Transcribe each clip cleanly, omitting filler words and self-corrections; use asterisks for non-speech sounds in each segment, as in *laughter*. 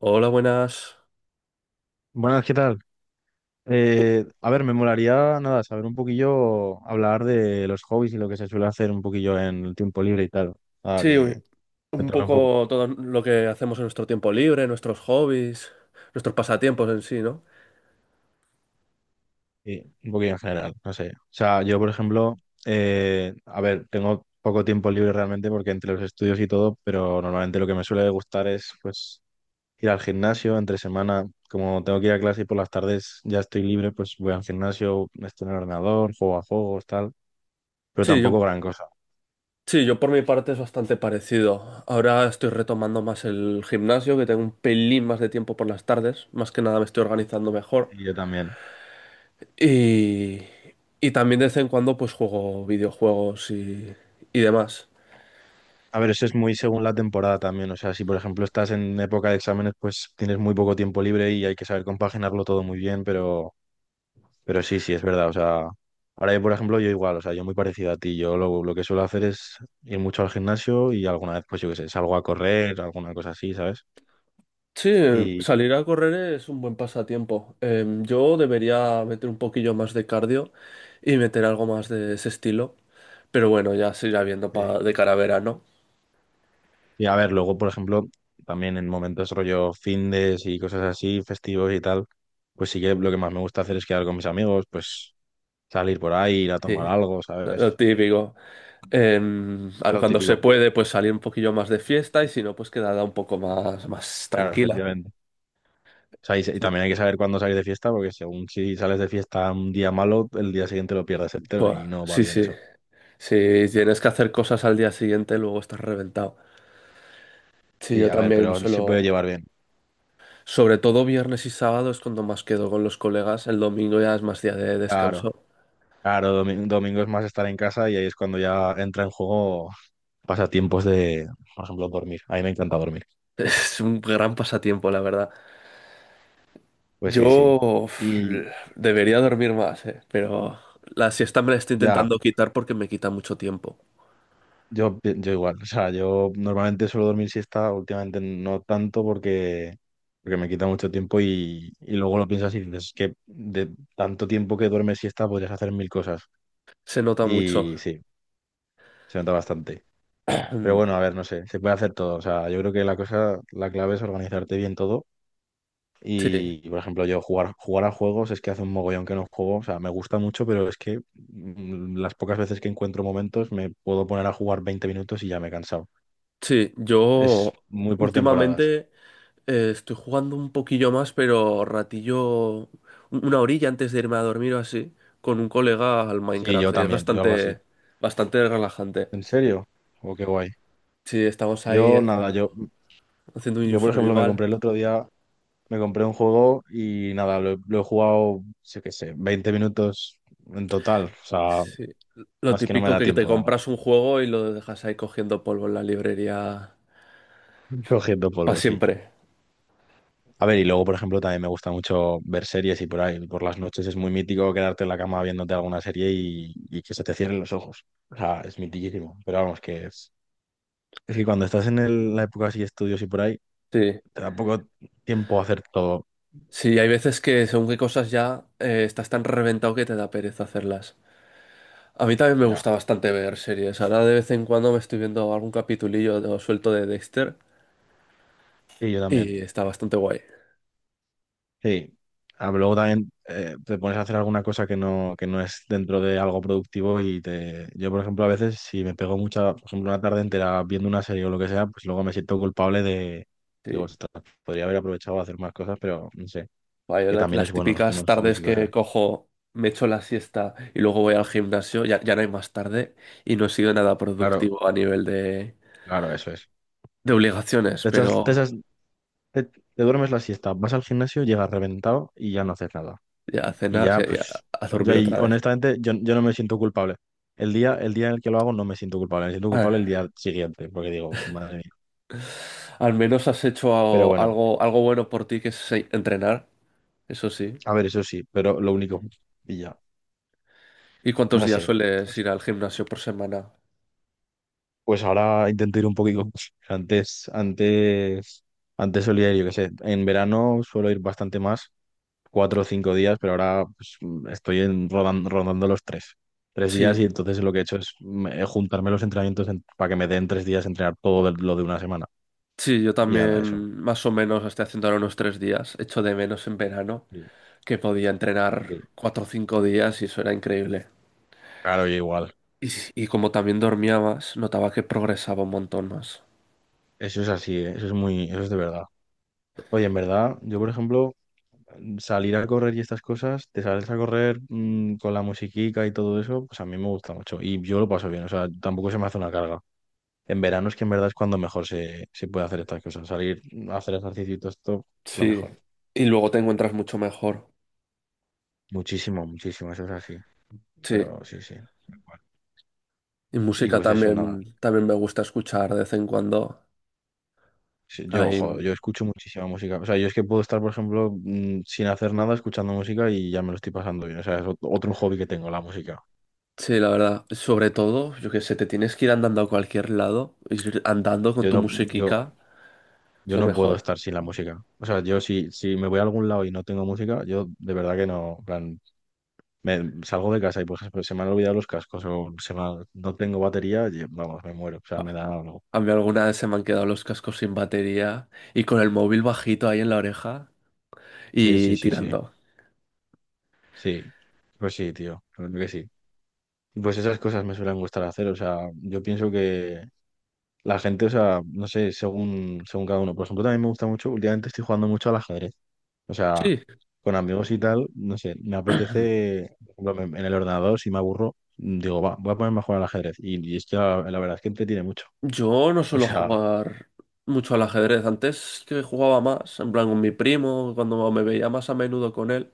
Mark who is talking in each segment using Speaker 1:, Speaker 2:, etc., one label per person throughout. Speaker 1: Hola, buenas.
Speaker 2: Buenas, ¿qué tal?
Speaker 1: U-
Speaker 2: A ver, me molaría, nada, saber un poquillo, hablar de los hobbies y lo que se suele hacer un poquillo en el tiempo libre y tal. Ah,
Speaker 1: Sí,
Speaker 2: que
Speaker 1: un
Speaker 2: cuéntame un poco,
Speaker 1: poco todo lo que hacemos en nuestro tiempo libre, nuestros hobbies, nuestros pasatiempos en sí, ¿no?
Speaker 2: sí, un poquillo en general, no sé. O sea, yo, por ejemplo, a ver, tengo poco tiempo libre realmente porque entre los estudios y todo, pero normalmente lo que me suele gustar es, pues, ir al gimnasio entre semana. Como tengo que ir a clase y por las tardes ya estoy libre, pues voy al gimnasio, estoy en el ordenador, juego a juegos, tal, pero
Speaker 1: Sí, yo,
Speaker 2: tampoco gran cosa.
Speaker 1: sí, yo por mi parte es bastante parecido. Ahora estoy retomando más el gimnasio, que tengo un pelín más de tiempo por las tardes. Más que nada me estoy organizando mejor.
Speaker 2: Y yo también.
Speaker 1: Y, y también de vez en cuando pues juego videojuegos y demás.
Speaker 2: A ver, eso es muy según la temporada también. O sea, si por ejemplo estás en época de exámenes, pues tienes muy poco tiempo libre y hay que saber compaginarlo todo muy bien, pero sí, sí, es verdad. O sea, ahora yo, por ejemplo, yo igual, o sea, yo muy parecido a ti. Yo lo que suelo hacer es ir mucho al gimnasio y alguna vez, pues yo qué sé, salgo a correr, alguna cosa así, ¿sabes?
Speaker 1: Sí,
Speaker 2: Y,
Speaker 1: salir a correr es un buen pasatiempo. Yo debería meter un poquillo más de cardio y meter algo más de ese estilo. Pero bueno, ya se irá viendo
Speaker 2: sí.
Speaker 1: de cara a verano.
Speaker 2: Y a ver, luego, por ejemplo, también en momentos rollo findes y cosas así, festivos y tal, pues sí que lo que más me gusta hacer es quedar con mis amigos, pues salir por ahí, ir a tomar
Speaker 1: Sí,
Speaker 2: algo,
Speaker 1: lo
Speaker 2: ¿sabes?
Speaker 1: típico.
Speaker 2: Lo
Speaker 1: Cuando se
Speaker 2: típico.
Speaker 1: puede, pues salir un poquillo más de fiesta y si no, pues quedada un poco más, más
Speaker 2: Claro,
Speaker 1: tranquila.
Speaker 2: efectivamente. O sea, y
Speaker 1: Sí.
Speaker 2: también hay que saber cuándo salir de fiesta, porque según si sales de fiesta un día malo, el día siguiente lo pierdes entero y
Speaker 1: Buah,
Speaker 2: no va
Speaker 1: sí,
Speaker 2: bien
Speaker 1: sí.
Speaker 2: eso.
Speaker 1: Si tienes que hacer cosas al día siguiente, luego estás reventado. Sí,
Speaker 2: Sí,
Speaker 1: yo
Speaker 2: a ver,
Speaker 1: también
Speaker 2: pero se puede
Speaker 1: suelo.
Speaker 2: llevar bien.
Speaker 1: Sobre todo viernes y sábado es cuando más quedo con los colegas, el domingo ya es más día de
Speaker 2: Claro,
Speaker 1: descanso. *laughs*
Speaker 2: claro, domingo es más estar en casa y ahí es cuando ya entra en juego pasatiempos de, por ejemplo, dormir. A mí me encanta dormir.
Speaker 1: Es un gran pasatiempo, la verdad.
Speaker 2: Pues sí, sí.
Speaker 1: Yo, uf,
Speaker 2: Y
Speaker 1: debería dormir más, pero la siesta me la estoy
Speaker 2: ya.
Speaker 1: intentando quitar porque me quita mucho tiempo.
Speaker 2: Yo igual, o sea, yo normalmente suelo dormir siesta, últimamente no tanto porque, me quita mucho tiempo y luego lo piensas y dices, es que de tanto tiempo que duermes siesta podrías hacer mil cosas.
Speaker 1: Se nota mucho.
Speaker 2: Y sí, se nota bastante. Pero bueno, a
Speaker 1: *clears throat*
Speaker 2: ver, no sé, se puede hacer todo. O sea, yo creo que la cosa, la clave es organizarte bien todo.
Speaker 1: Sí,
Speaker 2: Por ejemplo, yo jugar a juegos es que hace un mogollón que no juego. O sea, me gusta mucho, pero es que las pocas veces que encuentro momentos me puedo poner a jugar 20 minutos y ya me he cansado.
Speaker 1: sí,
Speaker 2: Es
Speaker 1: yo
Speaker 2: muy por temporadas.
Speaker 1: últimamente estoy jugando un poquillo más, pero ratillo, una horilla antes de irme a dormir o así, con un colega al
Speaker 2: Sí, yo
Speaker 1: Minecraft. Y es
Speaker 2: también, yo algo así.
Speaker 1: bastante, bastante relajante.
Speaker 2: ¿En serio? Oh, qué guay.
Speaker 1: Sí, estamos ahí
Speaker 2: Yo nada, yo,
Speaker 1: haciendo, haciendo un
Speaker 2: yo por ejemplo me
Speaker 1: survival.
Speaker 2: compré el otro día, me compré un juego y nada, he lo he jugado, sé qué sé, 20 minutos en total. O sea,
Speaker 1: Sí. Lo
Speaker 2: es que no me
Speaker 1: típico
Speaker 2: da
Speaker 1: que te
Speaker 2: tiempo, nada.
Speaker 1: compras un juego y lo dejas ahí cogiendo polvo en la librería
Speaker 2: *laughs* Cogiendo
Speaker 1: para
Speaker 2: polvo, sí.
Speaker 1: siempre.
Speaker 2: A ver, y luego, por ejemplo, también me gusta mucho ver series y por ahí, por las noches es muy mítico quedarte en la cama viéndote alguna serie y que se te cierren los ojos. O sea, es mitiquísimo. Pero vamos, que es que cuando estás en la época así de estudios y por ahí,
Speaker 1: Sí.
Speaker 2: te da poco tiempo a hacer todo.
Speaker 1: Sí, hay veces que según qué cosas ya estás tan reventado que te da pereza hacerlas. A mí también me
Speaker 2: Ya.
Speaker 1: gusta bastante ver series. Ahora de vez en cuando me estoy viendo algún capitulillo suelto de Dexter
Speaker 2: Sí, yo también.
Speaker 1: y está bastante guay.
Speaker 2: Sí. Ah, pero luego también te pones a hacer alguna cosa que no es dentro de algo productivo y te... Yo, por ejemplo, a veces si me pego mucha, por ejemplo, una tarde entera viendo una serie o lo que sea, pues luego me siento culpable de...
Speaker 1: Sí.
Speaker 2: Digo, "Ostras, podría haber aprovechado a hacer más cosas, pero no sé,
Speaker 1: Vaya,
Speaker 2: que también es
Speaker 1: las
Speaker 2: bueno
Speaker 1: típicas
Speaker 2: tener hobbies
Speaker 1: tardes
Speaker 2: y
Speaker 1: que
Speaker 2: cosas.
Speaker 1: cojo, me echo la siesta y luego voy al gimnasio, ya, ya no hay más tarde y no he sido nada
Speaker 2: Claro,
Speaker 1: productivo a nivel
Speaker 2: claro, eso es.
Speaker 1: de obligaciones,
Speaker 2: Te echas- te
Speaker 1: pero
Speaker 2: echas- te duermes la siesta, vas al gimnasio, llegas reventado y ya no haces nada.
Speaker 1: ya a
Speaker 2: Y
Speaker 1: cenar, sí,
Speaker 2: ya,
Speaker 1: ya
Speaker 2: pues,
Speaker 1: a
Speaker 2: yo
Speaker 1: dormir
Speaker 2: ahí,
Speaker 1: otra vez.
Speaker 2: honestamente, yo no me siento culpable. El día en el que lo hago no me siento culpable, me siento
Speaker 1: A
Speaker 2: culpable el
Speaker 1: ver,
Speaker 2: día siguiente, porque digo, madre mía.
Speaker 1: al menos has hecho
Speaker 2: Pero
Speaker 1: algo,
Speaker 2: bueno,
Speaker 1: algo, algo bueno por ti, que es entrenar, eso sí.
Speaker 2: a ver, eso sí, pero lo único, y ya,
Speaker 1: ¿Y cuántos
Speaker 2: no
Speaker 1: días
Speaker 2: sé.
Speaker 1: sueles ir al gimnasio por semana?
Speaker 2: Pues ahora intento ir un poquito. *laughs* Antes, antes, antes solía ir, yo qué sé, en verano suelo ir bastante más, 4 o 5 días, pero ahora pues, estoy rondando los tres. 3 días
Speaker 1: Sí,
Speaker 2: y entonces lo que he hecho es juntarme los entrenamientos para que me den 3 días entrenar todo lo de una semana.
Speaker 1: sí, yo
Speaker 2: Y nada, eso.
Speaker 1: también más o menos estoy haciendo ahora unos tres días, echo de menos en verano,
Speaker 2: Sí,
Speaker 1: que podía entrenar
Speaker 2: sí.
Speaker 1: cuatro o cinco días y eso era increíble.
Speaker 2: Claro, yo igual.
Speaker 1: Y, y como también dormía más, notaba que progresaba un montón más.
Speaker 2: Eso es así, ¿eh? Eso es de verdad. Oye, en verdad, yo por ejemplo, salir a correr y estas cosas, te sales a correr con la musiquita y todo eso, pues a mí me gusta mucho. Y yo lo paso bien, o sea, tampoco se me hace una carga. En verano es que en verdad es cuando mejor se puede hacer estas cosas. Salir a hacer ejercicio y todo esto, lo
Speaker 1: Sí,
Speaker 2: mejor.
Speaker 1: y luego te encuentras mucho mejor.
Speaker 2: Muchísimo, muchísimo, eso es así.
Speaker 1: Sí,
Speaker 2: Pero sí, sí.
Speaker 1: y
Speaker 2: Y
Speaker 1: música
Speaker 2: pues eso, nada.
Speaker 1: también, también me gusta escuchar de vez en cuando.
Speaker 2: Sí, yo,
Speaker 1: Ahí,
Speaker 2: joder, yo escucho muchísima música. O sea, yo es que puedo estar, por ejemplo, sin hacer nada escuchando música y ya me lo estoy pasando bien. O sea, es otro hobby que tengo, la música.
Speaker 1: sí, la verdad, sobre todo, yo que sé, te tienes que ir andando a cualquier lado, ir andando con
Speaker 2: Yo
Speaker 1: tu
Speaker 2: no, yo,
Speaker 1: musiquica, es
Speaker 2: yo
Speaker 1: lo
Speaker 2: no puedo
Speaker 1: mejor.
Speaker 2: estar sin la música. O sea, yo si me voy a algún lado y no tengo música, yo de verdad que no. En plan, me salgo de casa y, por ejemplo, se me han olvidado los cascos o no tengo batería, y, vamos, me muero. O sea, me
Speaker 1: Ah,
Speaker 2: da algo.
Speaker 1: a mí alguna vez se me han quedado los cascos sin batería y con el móvil bajito ahí en la oreja
Speaker 2: Sí, sí,
Speaker 1: y
Speaker 2: sí, sí.
Speaker 1: tirando.
Speaker 2: Sí. Pues sí, tío. La verdad que sí. Pues esas cosas me suelen gustar hacer. O sea, yo pienso que la gente, o sea, no sé, según cada uno. Por ejemplo, también me gusta mucho, últimamente estoy jugando mucho al ajedrez. O sea,
Speaker 1: Sí,
Speaker 2: con amigos y tal, no sé, me apetece, por ejemplo, en el ordenador, si me aburro, digo, va, voy a ponerme a jugar al ajedrez. Y es que la verdad es que entretiene mucho.
Speaker 1: yo no
Speaker 2: *laughs* O
Speaker 1: suelo
Speaker 2: sea,
Speaker 1: jugar mucho al ajedrez. Antes que jugaba más, en plan con mi primo, cuando me veía más a menudo con él.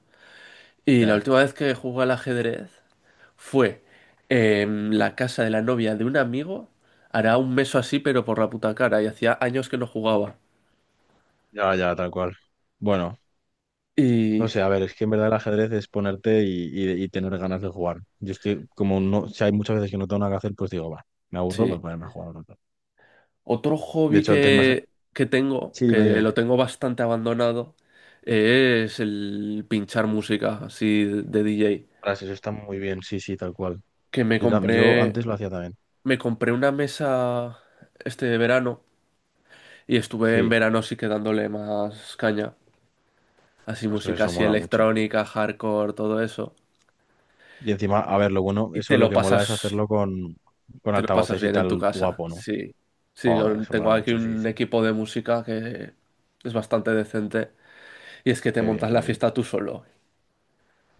Speaker 1: Y la
Speaker 2: ya,
Speaker 1: última vez que jugué al ajedrez fue en la casa de la novia de un amigo. Hará un mes o así, pero por la puta cara. Y hacía años que no jugaba.
Speaker 2: ya, ya, tal cual. Bueno, no
Speaker 1: Y
Speaker 2: sé, a ver, es que en verdad el ajedrez es ponerte y tener ganas de jugar. Yo es que, como no, si hay muchas veces que no tengo nada que hacer, pues digo, va, me aburro,
Speaker 1: sí.
Speaker 2: voy a ponerme a jugar al otro.
Speaker 1: Otro
Speaker 2: De
Speaker 1: hobby
Speaker 2: hecho, antes más...
Speaker 1: que tengo,
Speaker 2: Sí, dime,
Speaker 1: que
Speaker 2: dime.
Speaker 1: lo tengo bastante abandonado, es el pinchar música así de DJ.
Speaker 2: Frases, eso está muy bien, sí, sí, tal cual.
Speaker 1: Que me
Speaker 2: Yo
Speaker 1: compré.
Speaker 2: antes lo hacía también.
Speaker 1: Me compré una mesa este verano y estuve en
Speaker 2: Sí.
Speaker 1: verano sí que dándole más caña. Así
Speaker 2: Ostras,
Speaker 1: música
Speaker 2: eso
Speaker 1: así
Speaker 2: mola mucho.
Speaker 1: electrónica, hardcore, todo eso.
Speaker 2: Y encima, a ver, lo bueno,
Speaker 1: Y
Speaker 2: eso
Speaker 1: te
Speaker 2: lo
Speaker 1: lo
Speaker 2: que mola es
Speaker 1: pasas,
Speaker 2: hacerlo con,
Speaker 1: Te lo pasas
Speaker 2: altavoces y
Speaker 1: bien en tu
Speaker 2: tal
Speaker 1: casa.
Speaker 2: guapo, ¿no?
Speaker 1: Sí. Sí,
Speaker 2: Joder, eso mola
Speaker 1: tengo aquí
Speaker 2: mucho, sí,
Speaker 1: un
Speaker 2: sí.
Speaker 1: equipo de música que es bastante decente. Y es que te
Speaker 2: Qué bien,
Speaker 1: montas
Speaker 2: qué
Speaker 1: la
Speaker 2: bien.
Speaker 1: fiesta tú solo.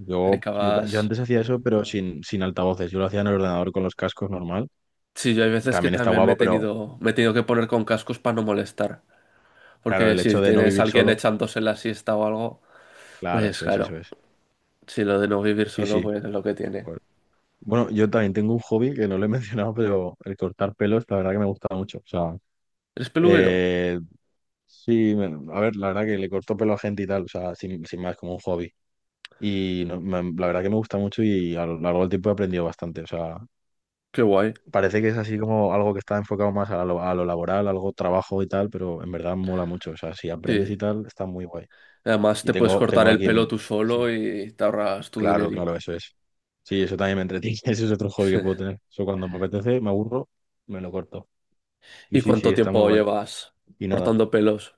Speaker 2: Yo
Speaker 1: Acabas.
Speaker 2: antes hacía eso, pero sin altavoces. Yo lo hacía en el ordenador con los cascos normal.
Speaker 1: Sí, yo hay
Speaker 2: Y
Speaker 1: veces que
Speaker 2: también está
Speaker 1: también
Speaker 2: guapo, pero
Speaker 1: me he tenido que poner con cascos para no molestar.
Speaker 2: claro,
Speaker 1: Porque
Speaker 2: el hecho
Speaker 1: si
Speaker 2: de no
Speaker 1: tienes a
Speaker 2: vivir
Speaker 1: alguien
Speaker 2: solo,
Speaker 1: echándose la siesta o algo,
Speaker 2: claro,
Speaker 1: pues
Speaker 2: eso es,
Speaker 1: claro.
Speaker 2: eso es.
Speaker 1: Si lo de no vivir
Speaker 2: Sí,
Speaker 1: solo,
Speaker 2: sí.
Speaker 1: pues es lo que tiene.
Speaker 2: Pues, bueno, yo también tengo un hobby que no lo he *laughs* mencionado, pero el cortar pelos, la verdad que me gusta mucho. O sea,
Speaker 1: ¿Eres peluquero?
Speaker 2: eh, sí, a ver, la verdad que le corto pelo a gente y tal, o sea, sin, más, como un hobby. Y la verdad que me gusta mucho y a lo largo del tiempo he aprendido bastante. O sea,
Speaker 1: Qué guay.
Speaker 2: parece que es así como algo que está enfocado más a lo, laboral, algo trabajo y tal, pero en verdad mola mucho. O sea, si aprendes y
Speaker 1: Sí.
Speaker 2: tal, está muy guay.
Speaker 1: Además,
Speaker 2: Y
Speaker 1: te puedes
Speaker 2: tengo,
Speaker 1: cortar
Speaker 2: tengo
Speaker 1: el
Speaker 2: aquí
Speaker 1: pelo
Speaker 2: en...
Speaker 1: tú solo
Speaker 2: Sí,
Speaker 1: y te ahorras tu
Speaker 2: claro,
Speaker 1: dinero.
Speaker 2: claro, eso es. Sí, eso también me entretiene. *laughs* Ese es otro hobby que puedo
Speaker 1: *laughs*
Speaker 2: tener. Eso cuando me apetece, me aburro, me lo corto. Y
Speaker 1: ¿Y
Speaker 2: sí, sí,
Speaker 1: cuánto
Speaker 2: está muy
Speaker 1: tiempo
Speaker 2: guay.
Speaker 1: llevas
Speaker 2: Y nada.
Speaker 1: cortando pelos?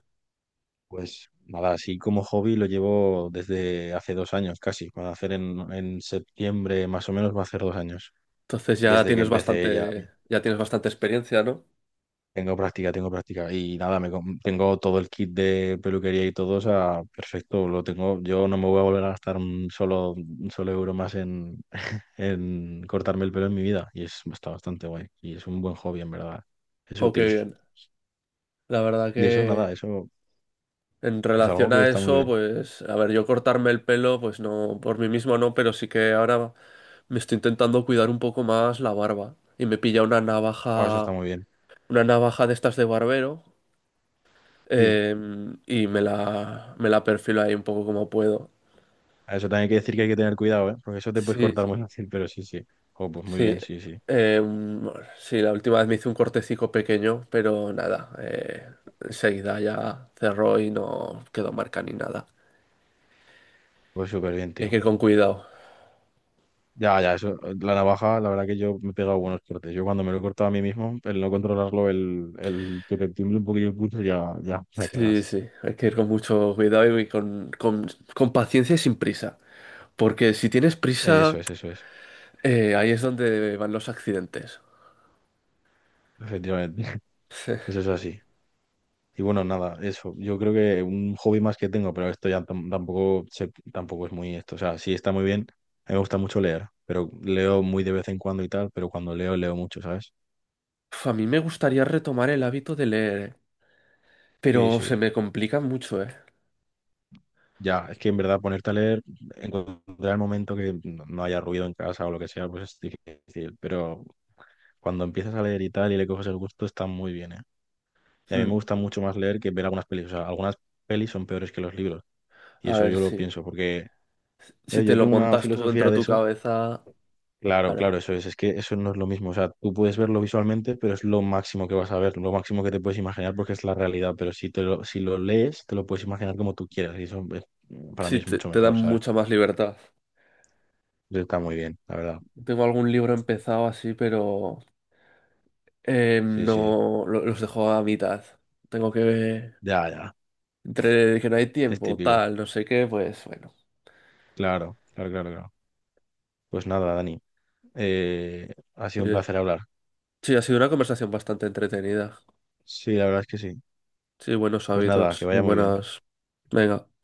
Speaker 2: Pues nada, así como hobby lo llevo desde hace 2 años casi. Va a hacer en septiembre más o menos, va a hacer 2 años.
Speaker 1: Entonces
Speaker 2: Desde que empecé ya.
Speaker 1: ya tienes bastante experiencia, ¿no?
Speaker 2: Tengo práctica, tengo práctica. Y nada, tengo todo el kit de peluquería y todo, o sea, perfecto, lo tengo. Yo no me voy a volver a gastar un solo euro más en, cortarme el pelo en mi vida. Y está bastante guay. Y es un buen hobby, en verdad. Es
Speaker 1: Jo, qué
Speaker 2: útil.
Speaker 1: bien. La verdad
Speaker 2: Y eso,
Speaker 1: que
Speaker 2: nada, eso
Speaker 1: en
Speaker 2: es algo
Speaker 1: relación
Speaker 2: que
Speaker 1: a
Speaker 2: está muy
Speaker 1: eso,
Speaker 2: bien.
Speaker 1: pues, a ver, yo cortarme el pelo, pues no, por mí mismo no, pero sí que ahora me estoy intentando cuidar un poco más la barba. Y me pilla
Speaker 2: Ah, eso está muy bien.
Speaker 1: una navaja de estas de barbero.
Speaker 2: Sí.
Speaker 1: Eh, y me la perfilo ahí un poco como puedo.
Speaker 2: A eso también hay que decir que hay que tener cuidado, ¿eh? Porque eso te puedes
Speaker 1: Sí,
Speaker 2: cortar
Speaker 1: sí.
Speaker 2: muy fácil, pero sí, sí. Oh, pues muy
Speaker 1: Sí.
Speaker 2: bien, sí, sí.
Speaker 1: Eh, sí, la última vez me hice un cortecico pequeño, pero nada. Enseguida ya cerró y no quedó marca ni nada.
Speaker 2: Pues súper bien,
Speaker 1: Y hay que
Speaker 2: tío.
Speaker 1: ir con cuidado.
Speaker 2: Ya, ya, eso. La navaja, la verdad que yo me he pegado buenos cortes. Yo cuando me lo he cortado a mí mismo, el no controlarlo, el que te tiemble un poquillo el pulso, ya, ya, ya
Speaker 1: Sí,
Speaker 2: cagas.
Speaker 1: sí. Hay que ir con mucho cuidado y con paciencia y sin prisa. Porque si tienes prisa,
Speaker 2: Eso es, eso es.
Speaker 1: ahí es donde van los accidentes.
Speaker 2: Efectivamente. *laughs*
Speaker 1: Sí.
Speaker 2: Eso es así. Y bueno, nada, eso. Yo creo que un hobby más que tengo, pero esto ya tampoco es muy esto. O sea, sí está muy bien. A mí me gusta mucho leer, pero leo muy de vez en cuando y tal, pero cuando leo, leo mucho, ¿sabes?
Speaker 1: Uf, a mí me gustaría retomar el
Speaker 2: Y-
Speaker 1: hábito de leer,
Speaker 2: Sí,
Speaker 1: pero se
Speaker 2: sí.
Speaker 1: me complica mucho, ¿eh?
Speaker 2: Ya, es que en verdad ponerte a leer, encontrar el momento que no haya ruido en casa o lo que sea, pues es difícil. Pero cuando empiezas a leer y tal y le coges el gusto, está muy bien, ¿eh? Y a mí me
Speaker 1: Mm.
Speaker 2: gusta mucho más leer que ver algunas pelis. O sea, algunas pelis son peores que los libros. Y
Speaker 1: A
Speaker 2: eso
Speaker 1: ver,
Speaker 2: yo lo
Speaker 1: sí.
Speaker 2: pienso, porque
Speaker 1: Si te
Speaker 2: yo
Speaker 1: lo
Speaker 2: tengo una
Speaker 1: montas tú dentro
Speaker 2: filosofía
Speaker 1: de
Speaker 2: de
Speaker 1: tu
Speaker 2: eso.
Speaker 1: cabeza,
Speaker 2: Claro,
Speaker 1: claro.
Speaker 2: claro, eso es. Es que eso no es lo mismo. O sea, tú puedes verlo visualmente, pero es lo máximo que vas a ver, lo máximo que te puedes imaginar porque es la realidad. Pero si lo lees, te lo puedes imaginar como tú quieras. Y eso para
Speaker 1: Sí,
Speaker 2: mí es mucho
Speaker 1: te dan
Speaker 2: mejor, ¿sabes?
Speaker 1: mucha más libertad.
Speaker 2: Está muy bien, la verdad.
Speaker 1: Tengo algún libro empezado así, pero
Speaker 2: Sí, sí,
Speaker 1: no lo- los dejo a mitad. Tengo que...
Speaker 2: ya, ya,
Speaker 1: Entre que no hay
Speaker 2: es
Speaker 1: tiempo,
Speaker 2: típico.
Speaker 1: tal, no sé qué, pues bueno.
Speaker 2: Claro, claro, claro, claro. Pues nada, Dani, ha sido un
Speaker 1: Oye,
Speaker 2: placer hablar.
Speaker 1: sí, ha sido una conversación bastante entretenida.
Speaker 2: Sí, la verdad es que sí.
Speaker 1: Sí, buenos
Speaker 2: Pues nada, que
Speaker 1: hábitos y
Speaker 2: vaya muy bien.
Speaker 1: buenas... Venga.